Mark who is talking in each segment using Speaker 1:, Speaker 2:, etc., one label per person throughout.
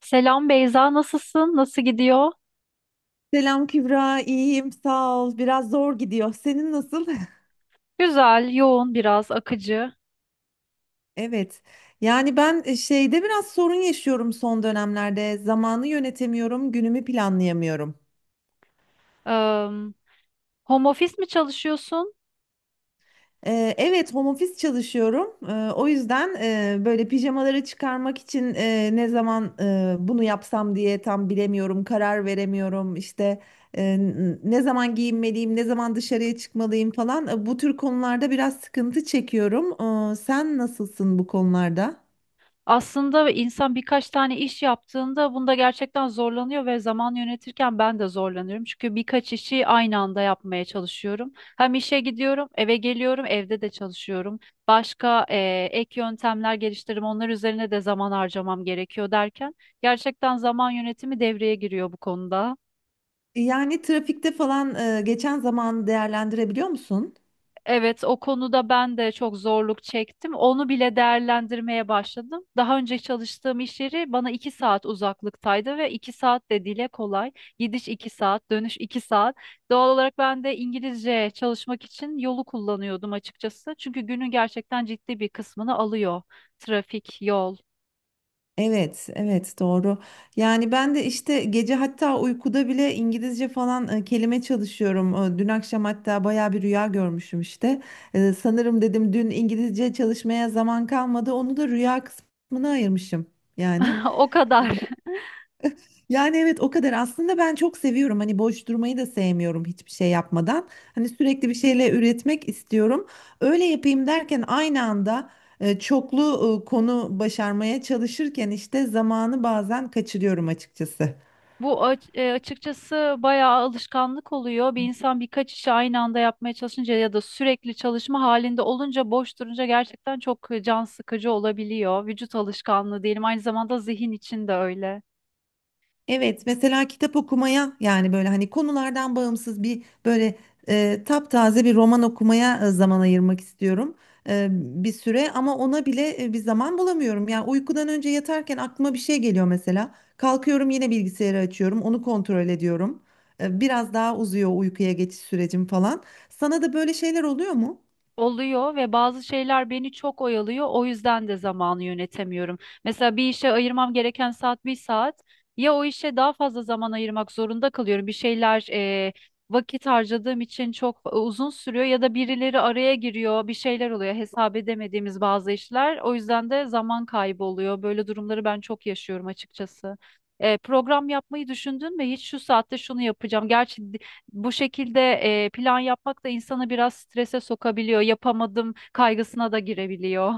Speaker 1: Selam Beyza, nasılsın? Nasıl gidiyor?
Speaker 2: Selam Kübra, iyiyim, sağ ol. Biraz zor gidiyor. Senin nasıl?
Speaker 1: Güzel, yoğun biraz, akıcı.
Speaker 2: Evet. Yani ben şeyde biraz sorun yaşıyorum son dönemlerde. Zamanı yönetemiyorum, günümü planlayamıyorum.
Speaker 1: Eee home office mi çalışıyorsun?
Speaker 2: Evet, home office çalışıyorum. O yüzden böyle pijamaları çıkarmak için ne zaman bunu yapsam diye tam bilemiyorum, karar veremiyorum. İşte ne zaman giyinmeliyim, ne zaman dışarıya çıkmalıyım falan. Bu tür konularda biraz sıkıntı çekiyorum. Sen nasılsın bu konularda?
Speaker 1: Aslında insan birkaç tane iş yaptığında bunda gerçekten zorlanıyor ve zaman yönetirken ben de zorlanıyorum. Çünkü birkaç işi aynı anda yapmaya çalışıyorum. Hem işe gidiyorum, eve geliyorum, evde de çalışıyorum. Başka ek yöntemler geliştirip onlar üzerine de zaman harcamam gerekiyor derken gerçekten zaman yönetimi devreye giriyor bu konuda.
Speaker 2: Yani trafikte falan geçen zamanı değerlendirebiliyor musun?
Speaker 1: Evet, o konuda ben de çok zorluk çektim. Onu bile değerlendirmeye başladım. Daha önce çalıştığım iş yeri bana 2 saat uzaklıktaydı ve 2 saat de dile kolay. Gidiş 2 saat, dönüş 2 saat. Doğal olarak ben de İngilizce çalışmak için yolu kullanıyordum açıkçası. Çünkü günün gerçekten ciddi bir kısmını alıyor. Trafik, yol.
Speaker 2: Evet, evet, doğru. Yani ben de işte gece, hatta uykuda bile İngilizce falan kelime çalışıyorum. Dün akşam hatta baya bir rüya görmüşüm işte. Sanırım dedim dün İngilizce çalışmaya zaman kalmadı. Onu da rüya kısmına ayırmışım yani.
Speaker 1: O kadar.
Speaker 2: Yani evet, o kadar. Aslında ben çok seviyorum, hani boş durmayı da sevmiyorum hiçbir şey yapmadan, hani sürekli bir şeyle üretmek istiyorum, öyle yapayım derken aynı anda çoklu konu başarmaya çalışırken işte zamanı bazen kaçırıyorum açıkçası.
Speaker 1: Açıkçası bayağı alışkanlık oluyor. Bir insan birkaç işi aynı anda yapmaya çalışınca ya da sürekli çalışma halinde olunca boş durunca gerçekten çok can sıkıcı olabiliyor. Vücut alışkanlığı diyelim, aynı zamanda zihin için de öyle.
Speaker 2: Evet, mesela kitap okumaya, yani böyle hani konulardan bağımsız bir böyle taptaze bir roman okumaya zaman ayırmak istiyorum bir süre, ama ona bile bir zaman bulamıyorum. Yani uykudan önce yatarken aklıma bir şey geliyor mesela. Kalkıyorum, yine bilgisayarı açıyorum, onu kontrol ediyorum. Biraz daha uzuyor uykuya geçiş sürecim falan. Sana da böyle şeyler oluyor mu?
Speaker 1: Oluyor ve bazı şeyler beni çok oyalıyor. O yüzden de zamanı yönetemiyorum. Mesela bir işe ayırmam gereken saat bir saat. Ya o işe daha fazla zaman ayırmak zorunda kalıyorum. Bir şeyler vakit harcadığım için çok uzun sürüyor ya da birileri araya giriyor, bir şeyler oluyor. Hesap edemediğimiz bazı işler. O yüzden de zaman kaybı oluyor. Böyle durumları ben çok yaşıyorum açıkçası. Program yapmayı düşündün mü? Hiç şu saatte şunu yapacağım. Gerçi bu şekilde plan yapmak da insanı biraz strese sokabiliyor. Yapamadım kaygısına da girebiliyor.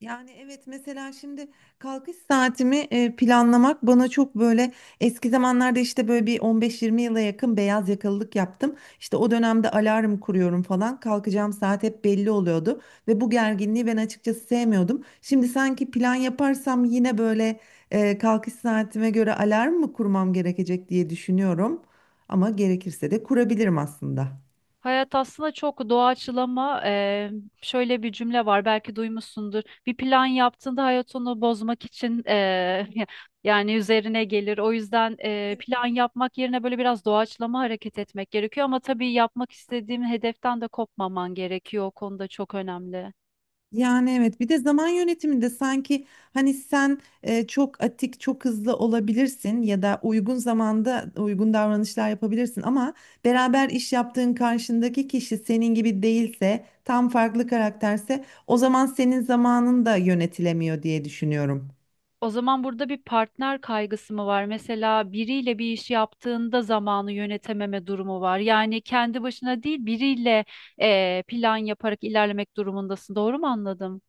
Speaker 2: Yani evet, mesela şimdi kalkış saatimi planlamak bana çok böyle, eski zamanlarda işte böyle bir 15-20 yıla yakın beyaz yakalılık yaptım. İşte o dönemde alarm kuruyorum falan, kalkacağım saat hep belli oluyordu ve bu gerginliği ben açıkçası sevmiyordum. Şimdi sanki plan yaparsam yine böyle kalkış saatime göre alarm mı kurmam gerekecek diye düşünüyorum, ama gerekirse de kurabilirim aslında.
Speaker 1: Hayat aslında çok doğaçlama. Şöyle bir cümle var, belki duymuşsundur. Bir plan yaptığında hayat onu bozmak için yani üzerine gelir. O yüzden
Speaker 2: Evet.
Speaker 1: plan yapmak yerine böyle biraz doğaçlama hareket etmek gerekiyor. Ama tabii yapmak istediğim hedeften de kopmaman gerekiyor. O konuda çok önemli.
Speaker 2: Yani evet, bir de zaman yönetiminde sanki, hani sen çok atik, çok hızlı olabilirsin ya da uygun zamanda uygun davranışlar yapabilirsin ama beraber iş yaptığın karşındaki kişi senin gibi değilse, tam farklı karakterse, o zaman senin zamanın da yönetilemiyor diye düşünüyorum.
Speaker 1: O zaman burada bir partner kaygısı mı var? Mesela biriyle bir iş yaptığında zamanı yönetememe durumu var. Yani kendi başına değil, biriyle plan yaparak ilerlemek durumundasın. Doğru mu anladım?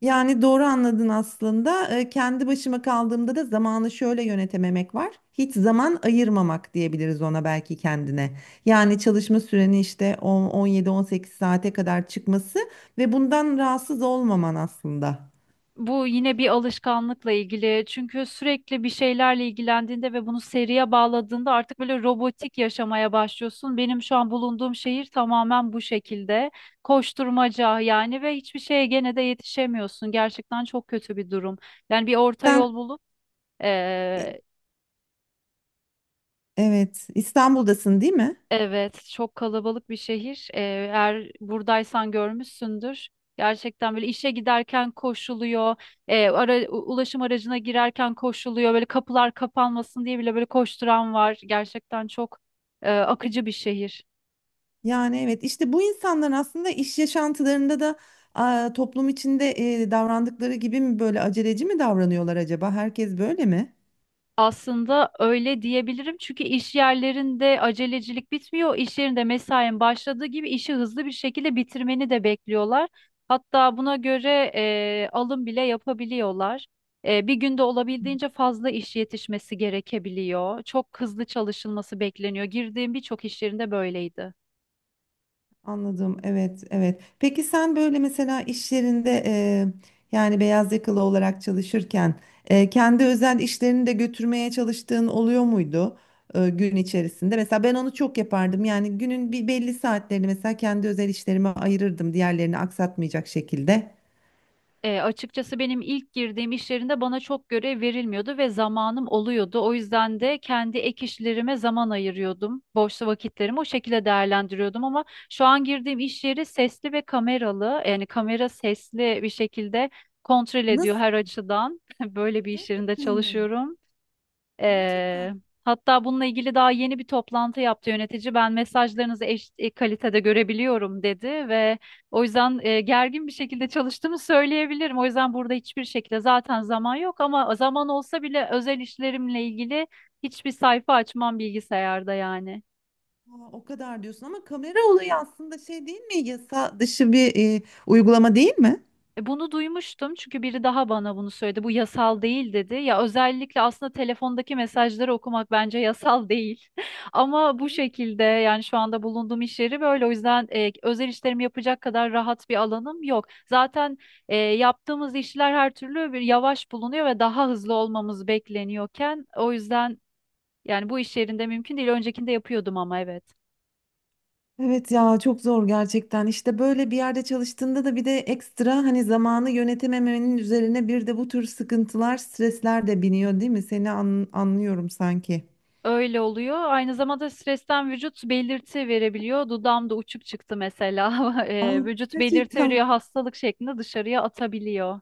Speaker 2: Yani doğru anladın aslında. Kendi başıma kaldığımda da zamanı şöyle yönetememek var. Hiç zaman ayırmamak diyebiliriz ona belki, kendine. Yani çalışma süreni işte 17-18 saate kadar çıkması ve bundan rahatsız olmaman aslında.
Speaker 1: Bu yine bir alışkanlıkla ilgili. Çünkü sürekli bir şeylerle ilgilendiğinde ve bunu seriye bağladığında artık böyle robotik yaşamaya başlıyorsun. Benim şu an bulunduğum şehir tamamen bu şekilde. Koşturmaca yani ve hiçbir şeye gene de yetişemiyorsun. Gerçekten çok kötü bir durum. Yani bir orta
Speaker 2: Sen
Speaker 1: yol bulup Ee,
Speaker 2: evet, İstanbul'dasın değil mi?
Speaker 1: evet, çok kalabalık bir şehir. Eğer buradaysan görmüşsündür. Gerçekten böyle işe giderken koşuluyor, ulaşım aracına girerken koşuluyor. Böyle kapılar kapanmasın diye bile böyle koşturan var. Gerçekten çok akıcı bir şehir.
Speaker 2: Yani evet, işte bu insanların aslında iş yaşantılarında da, toplum içinde davrandıkları gibi mi böyle aceleci mi davranıyorlar acaba? Herkes böyle mi?
Speaker 1: Aslında öyle diyebilirim, çünkü iş yerlerinde acelecilik bitmiyor. İş yerinde mesain başladığı gibi işi hızlı bir şekilde bitirmeni de bekliyorlar. Hatta buna göre alım bile yapabiliyorlar. Bir günde olabildiğince fazla iş yetişmesi gerekebiliyor. Çok hızlı çalışılması bekleniyor. Girdiğim birçok iş yerinde böyleydi.
Speaker 2: Anladım. Evet, evet. Peki sen böyle, mesela iş yerinde yani beyaz yakalı olarak çalışırken kendi özel işlerini de götürmeye çalıştığın oluyor muydu gün içerisinde? Mesela ben onu çok yapardım. Yani günün bir belli saatlerini mesela kendi özel işlerime ayırırdım, diğerlerini aksatmayacak şekilde.
Speaker 1: Açıkçası benim ilk girdiğim iş yerinde bana çok görev verilmiyordu ve zamanım oluyordu. O yüzden de kendi ek işlerime zaman ayırıyordum. Boş vakitlerimi o şekilde değerlendiriyordum, ama şu an girdiğim iş yeri sesli ve kameralı. Yani kamera sesli bir şekilde kontrol ediyor
Speaker 2: Nasıl?
Speaker 1: her açıdan. Böyle bir iş yerinde
Speaker 2: Gerçekten mi?
Speaker 1: çalışıyorum.
Speaker 2: Gerçekten.
Speaker 1: Ee, Hatta bununla ilgili daha yeni bir toplantı yaptı yönetici. Ben mesajlarınızı eşit kalitede görebiliyorum dedi ve o yüzden gergin bir şekilde çalıştığımı söyleyebilirim. O yüzden burada hiçbir şekilde zaten zaman yok, ama zaman olsa bile özel işlerimle ilgili hiçbir sayfa açmam bilgisayarda yani.
Speaker 2: Aa, o kadar diyorsun ama kamera olayı aslında şey değil mi? Yasa dışı bir uygulama değil mi?
Speaker 1: Bunu duymuştum, çünkü biri daha bana bunu söyledi. Bu yasal değil dedi. Ya özellikle aslında telefondaki mesajları okumak bence yasal değil. Ama bu şekilde yani şu anda bulunduğum iş yeri böyle. O yüzden özel işlerimi yapacak kadar rahat bir alanım yok. Zaten yaptığımız işler her türlü bir yavaş bulunuyor ve daha hızlı olmamız bekleniyorken, o yüzden yani bu iş yerinde mümkün değil. Öncekinde yapıyordum, ama evet.
Speaker 2: Evet ya, çok zor gerçekten. İşte böyle bir yerde çalıştığında da bir de ekstra, hani zamanı yönetememenin üzerine bir de bu tür sıkıntılar, stresler de biniyor değil mi? Seni anlıyorum sanki.
Speaker 1: Öyle oluyor. Aynı zamanda stresten vücut belirti verebiliyor. Dudağımda uçuk çıktı mesela.
Speaker 2: Aa,
Speaker 1: Vücut belirti
Speaker 2: gerçekten.
Speaker 1: veriyor, hastalık şeklinde dışarıya atabiliyor.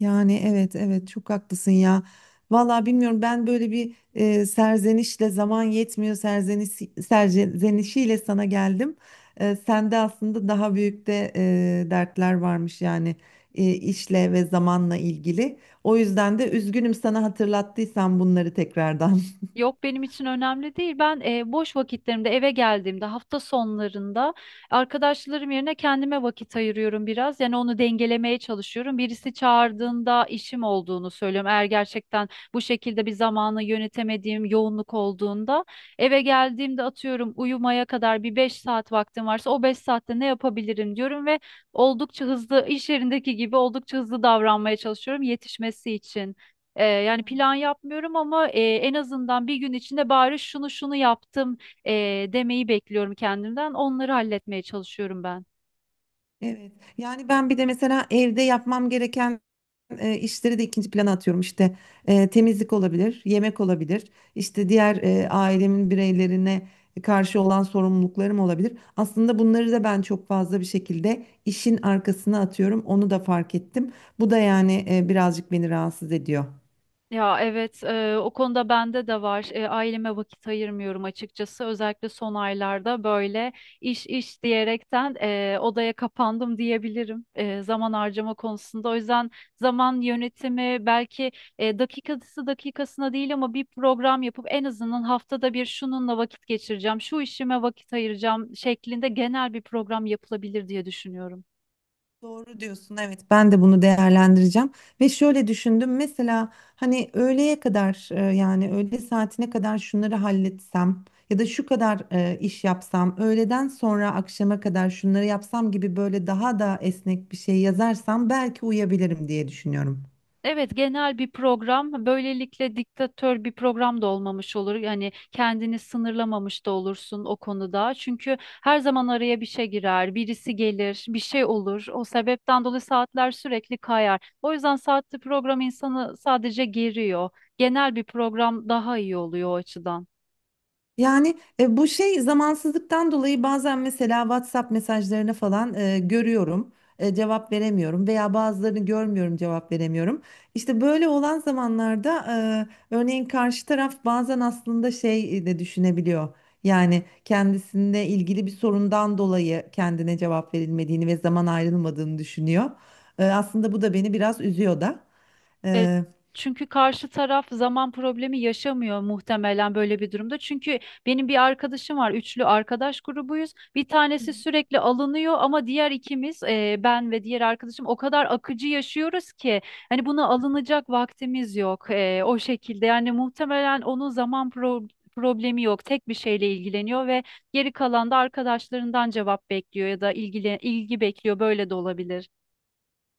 Speaker 2: Yani evet, evet, çok haklısın ya. Vallahi bilmiyorum, ben böyle bir serzenişle, zaman yetmiyor serzenişiyle sana geldim. Sende aslında daha büyük de dertler varmış yani, işle ve zamanla ilgili. O yüzden de üzgünüm sana hatırlattıysam bunları tekrardan.
Speaker 1: Yok, benim için önemli değil. Ben boş vakitlerimde, eve geldiğimde, hafta sonlarında arkadaşlarım yerine kendime vakit ayırıyorum biraz. Yani onu dengelemeye çalışıyorum. Birisi çağırdığında işim olduğunu söylüyorum. Eğer gerçekten bu şekilde bir zamanı yönetemediğim yoğunluk olduğunda, eve geldiğimde, atıyorum, uyumaya kadar bir 5 saat vaktim varsa o 5 saatte ne yapabilirim diyorum ve oldukça hızlı, iş yerindeki gibi oldukça hızlı davranmaya çalışıyorum yetişmesi için. Yani plan yapmıyorum, ama en azından bir gün içinde bari şunu şunu yaptım e, demeyi bekliyorum kendimden. Onları halletmeye çalışıyorum ben.
Speaker 2: Evet, yani ben bir de mesela evde yapmam gereken işleri de ikinci plana atıyorum. İşte temizlik olabilir, yemek olabilir, işte diğer ailemin bireylerine karşı olan sorumluluklarım olabilir. Aslında bunları da ben çok fazla bir şekilde işin arkasına atıyorum. Onu da fark ettim. Bu da yani birazcık beni rahatsız ediyor.
Speaker 1: Ya evet, o konuda bende de var. Aileme vakit ayırmıyorum açıkçası. Özellikle son aylarda böyle iş iş diyerekten odaya kapandım diyebilirim zaman harcama konusunda. O yüzden zaman yönetimi belki dakikası dakikasına değil, ama bir program yapıp en azından haftada bir şununla vakit geçireceğim, şu işime vakit ayıracağım şeklinde genel bir program yapılabilir diye düşünüyorum.
Speaker 2: Doğru diyorsun. Evet, ben de bunu değerlendireceğim ve şöyle düşündüm. Mesela, hani öğleye kadar yani öğle saatine kadar şunları halletsem ya da şu kadar iş yapsam, öğleden sonra akşama kadar şunları yapsam gibi, böyle daha da esnek bir şey yazarsam belki uyabilirim diye düşünüyorum.
Speaker 1: Evet, genel bir program. Böylelikle diktatör bir program da olmamış olur. Yani kendini sınırlamamış da olursun o konuda. Çünkü her zaman araya bir şey girer, birisi gelir, bir şey olur. O sebepten dolayı saatler sürekli kayar. O yüzden saatli program insanı sadece geriyor. Genel bir program daha iyi oluyor o açıdan.
Speaker 2: Yani bu şey zamansızlıktan dolayı bazen mesela WhatsApp mesajlarını falan görüyorum, cevap veremiyorum veya bazılarını görmüyorum, cevap veremiyorum. İşte böyle olan zamanlarda örneğin karşı taraf bazen aslında şey de düşünebiliyor. Yani kendisinde ilgili bir sorundan dolayı kendine cevap verilmediğini ve zaman ayrılmadığını düşünüyor. Aslında bu da beni biraz üzüyor da.
Speaker 1: E, Çünkü karşı taraf zaman problemi yaşamıyor muhtemelen böyle bir durumda. Çünkü benim bir arkadaşım var, üçlü arkadaş grubuyuz. Bir tanesi sürekli alınıyor, ama diğer ikimiz, ben ve diğer arkadaşım o kadar akıcı yaşıyoruz ki hani buna alınacak vaktimiz yok. O şekilde yani muhtemelen onun zaman problemi yok. Tek bir şeyle ilgileniyor ve geri kalan da arkadaşlarından cevap bekliyor ya da ilgi bekliyor. Böyle de olabilir.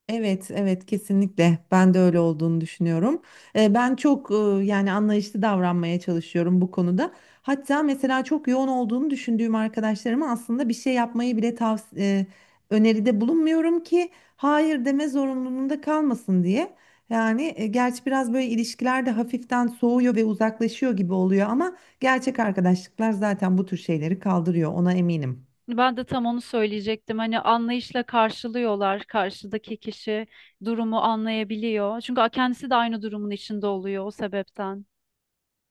Speaker 2: Evet, evet, kesinlikle ben de öyle olduğunu düşünüyorum. Ben çok yani anlayışlı davranmaya çalışıyorum bu konuda. Hatta mesela çok yoğun olduğunu düşündüğüm arkadaşlarıma aslında bir şey yapmayı bile öneride bulunmuyorum ki hayır deme zorunluluğunda kalmasın diye. Yani gerçi biraz böyle ilişkiler de hafiften soğuyor ve uzaklaşıyor gibi oluyor, ama gerçek arkadaşlıklar zaten bu tür şeyleri kaldırıyor, ona eminim.
Speaker 1: Ben de tam onu söyleyecektim. Hani anlayışla karşılıyorlar. Karşıdaki kişi durumu anlayabiliyor. Çünkü kendisi de aynı durumun içinde oluyor o sebepten.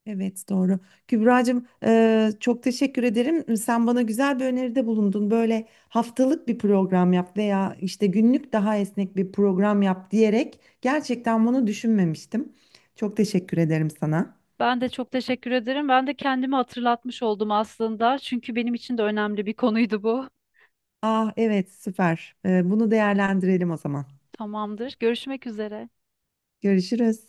Speaker 2: Evet, doğru. Kübra'cığım, çok teşekkür ederim. Sen bana güzel bir öneride bulundun. Böyle haftalık bir program yap veya işte günlük daha esnek bir program yap diyerek, gerçekten bunu düşünmemiştim. Çok teşekkür ederim sana.
Speaker 1: Ben de çok teşekkür ederim. Ben de kendimi hatırlatmış oldum aslında. Çünkü benim için de önemli bir konuydu bu.
Speaker 2: Ah evet, süper. Bunu değerlendirelim o zaman.
Speaker 1: Tamamdır. Görüşmek üzere.
Speaker 2: Görüşürüz.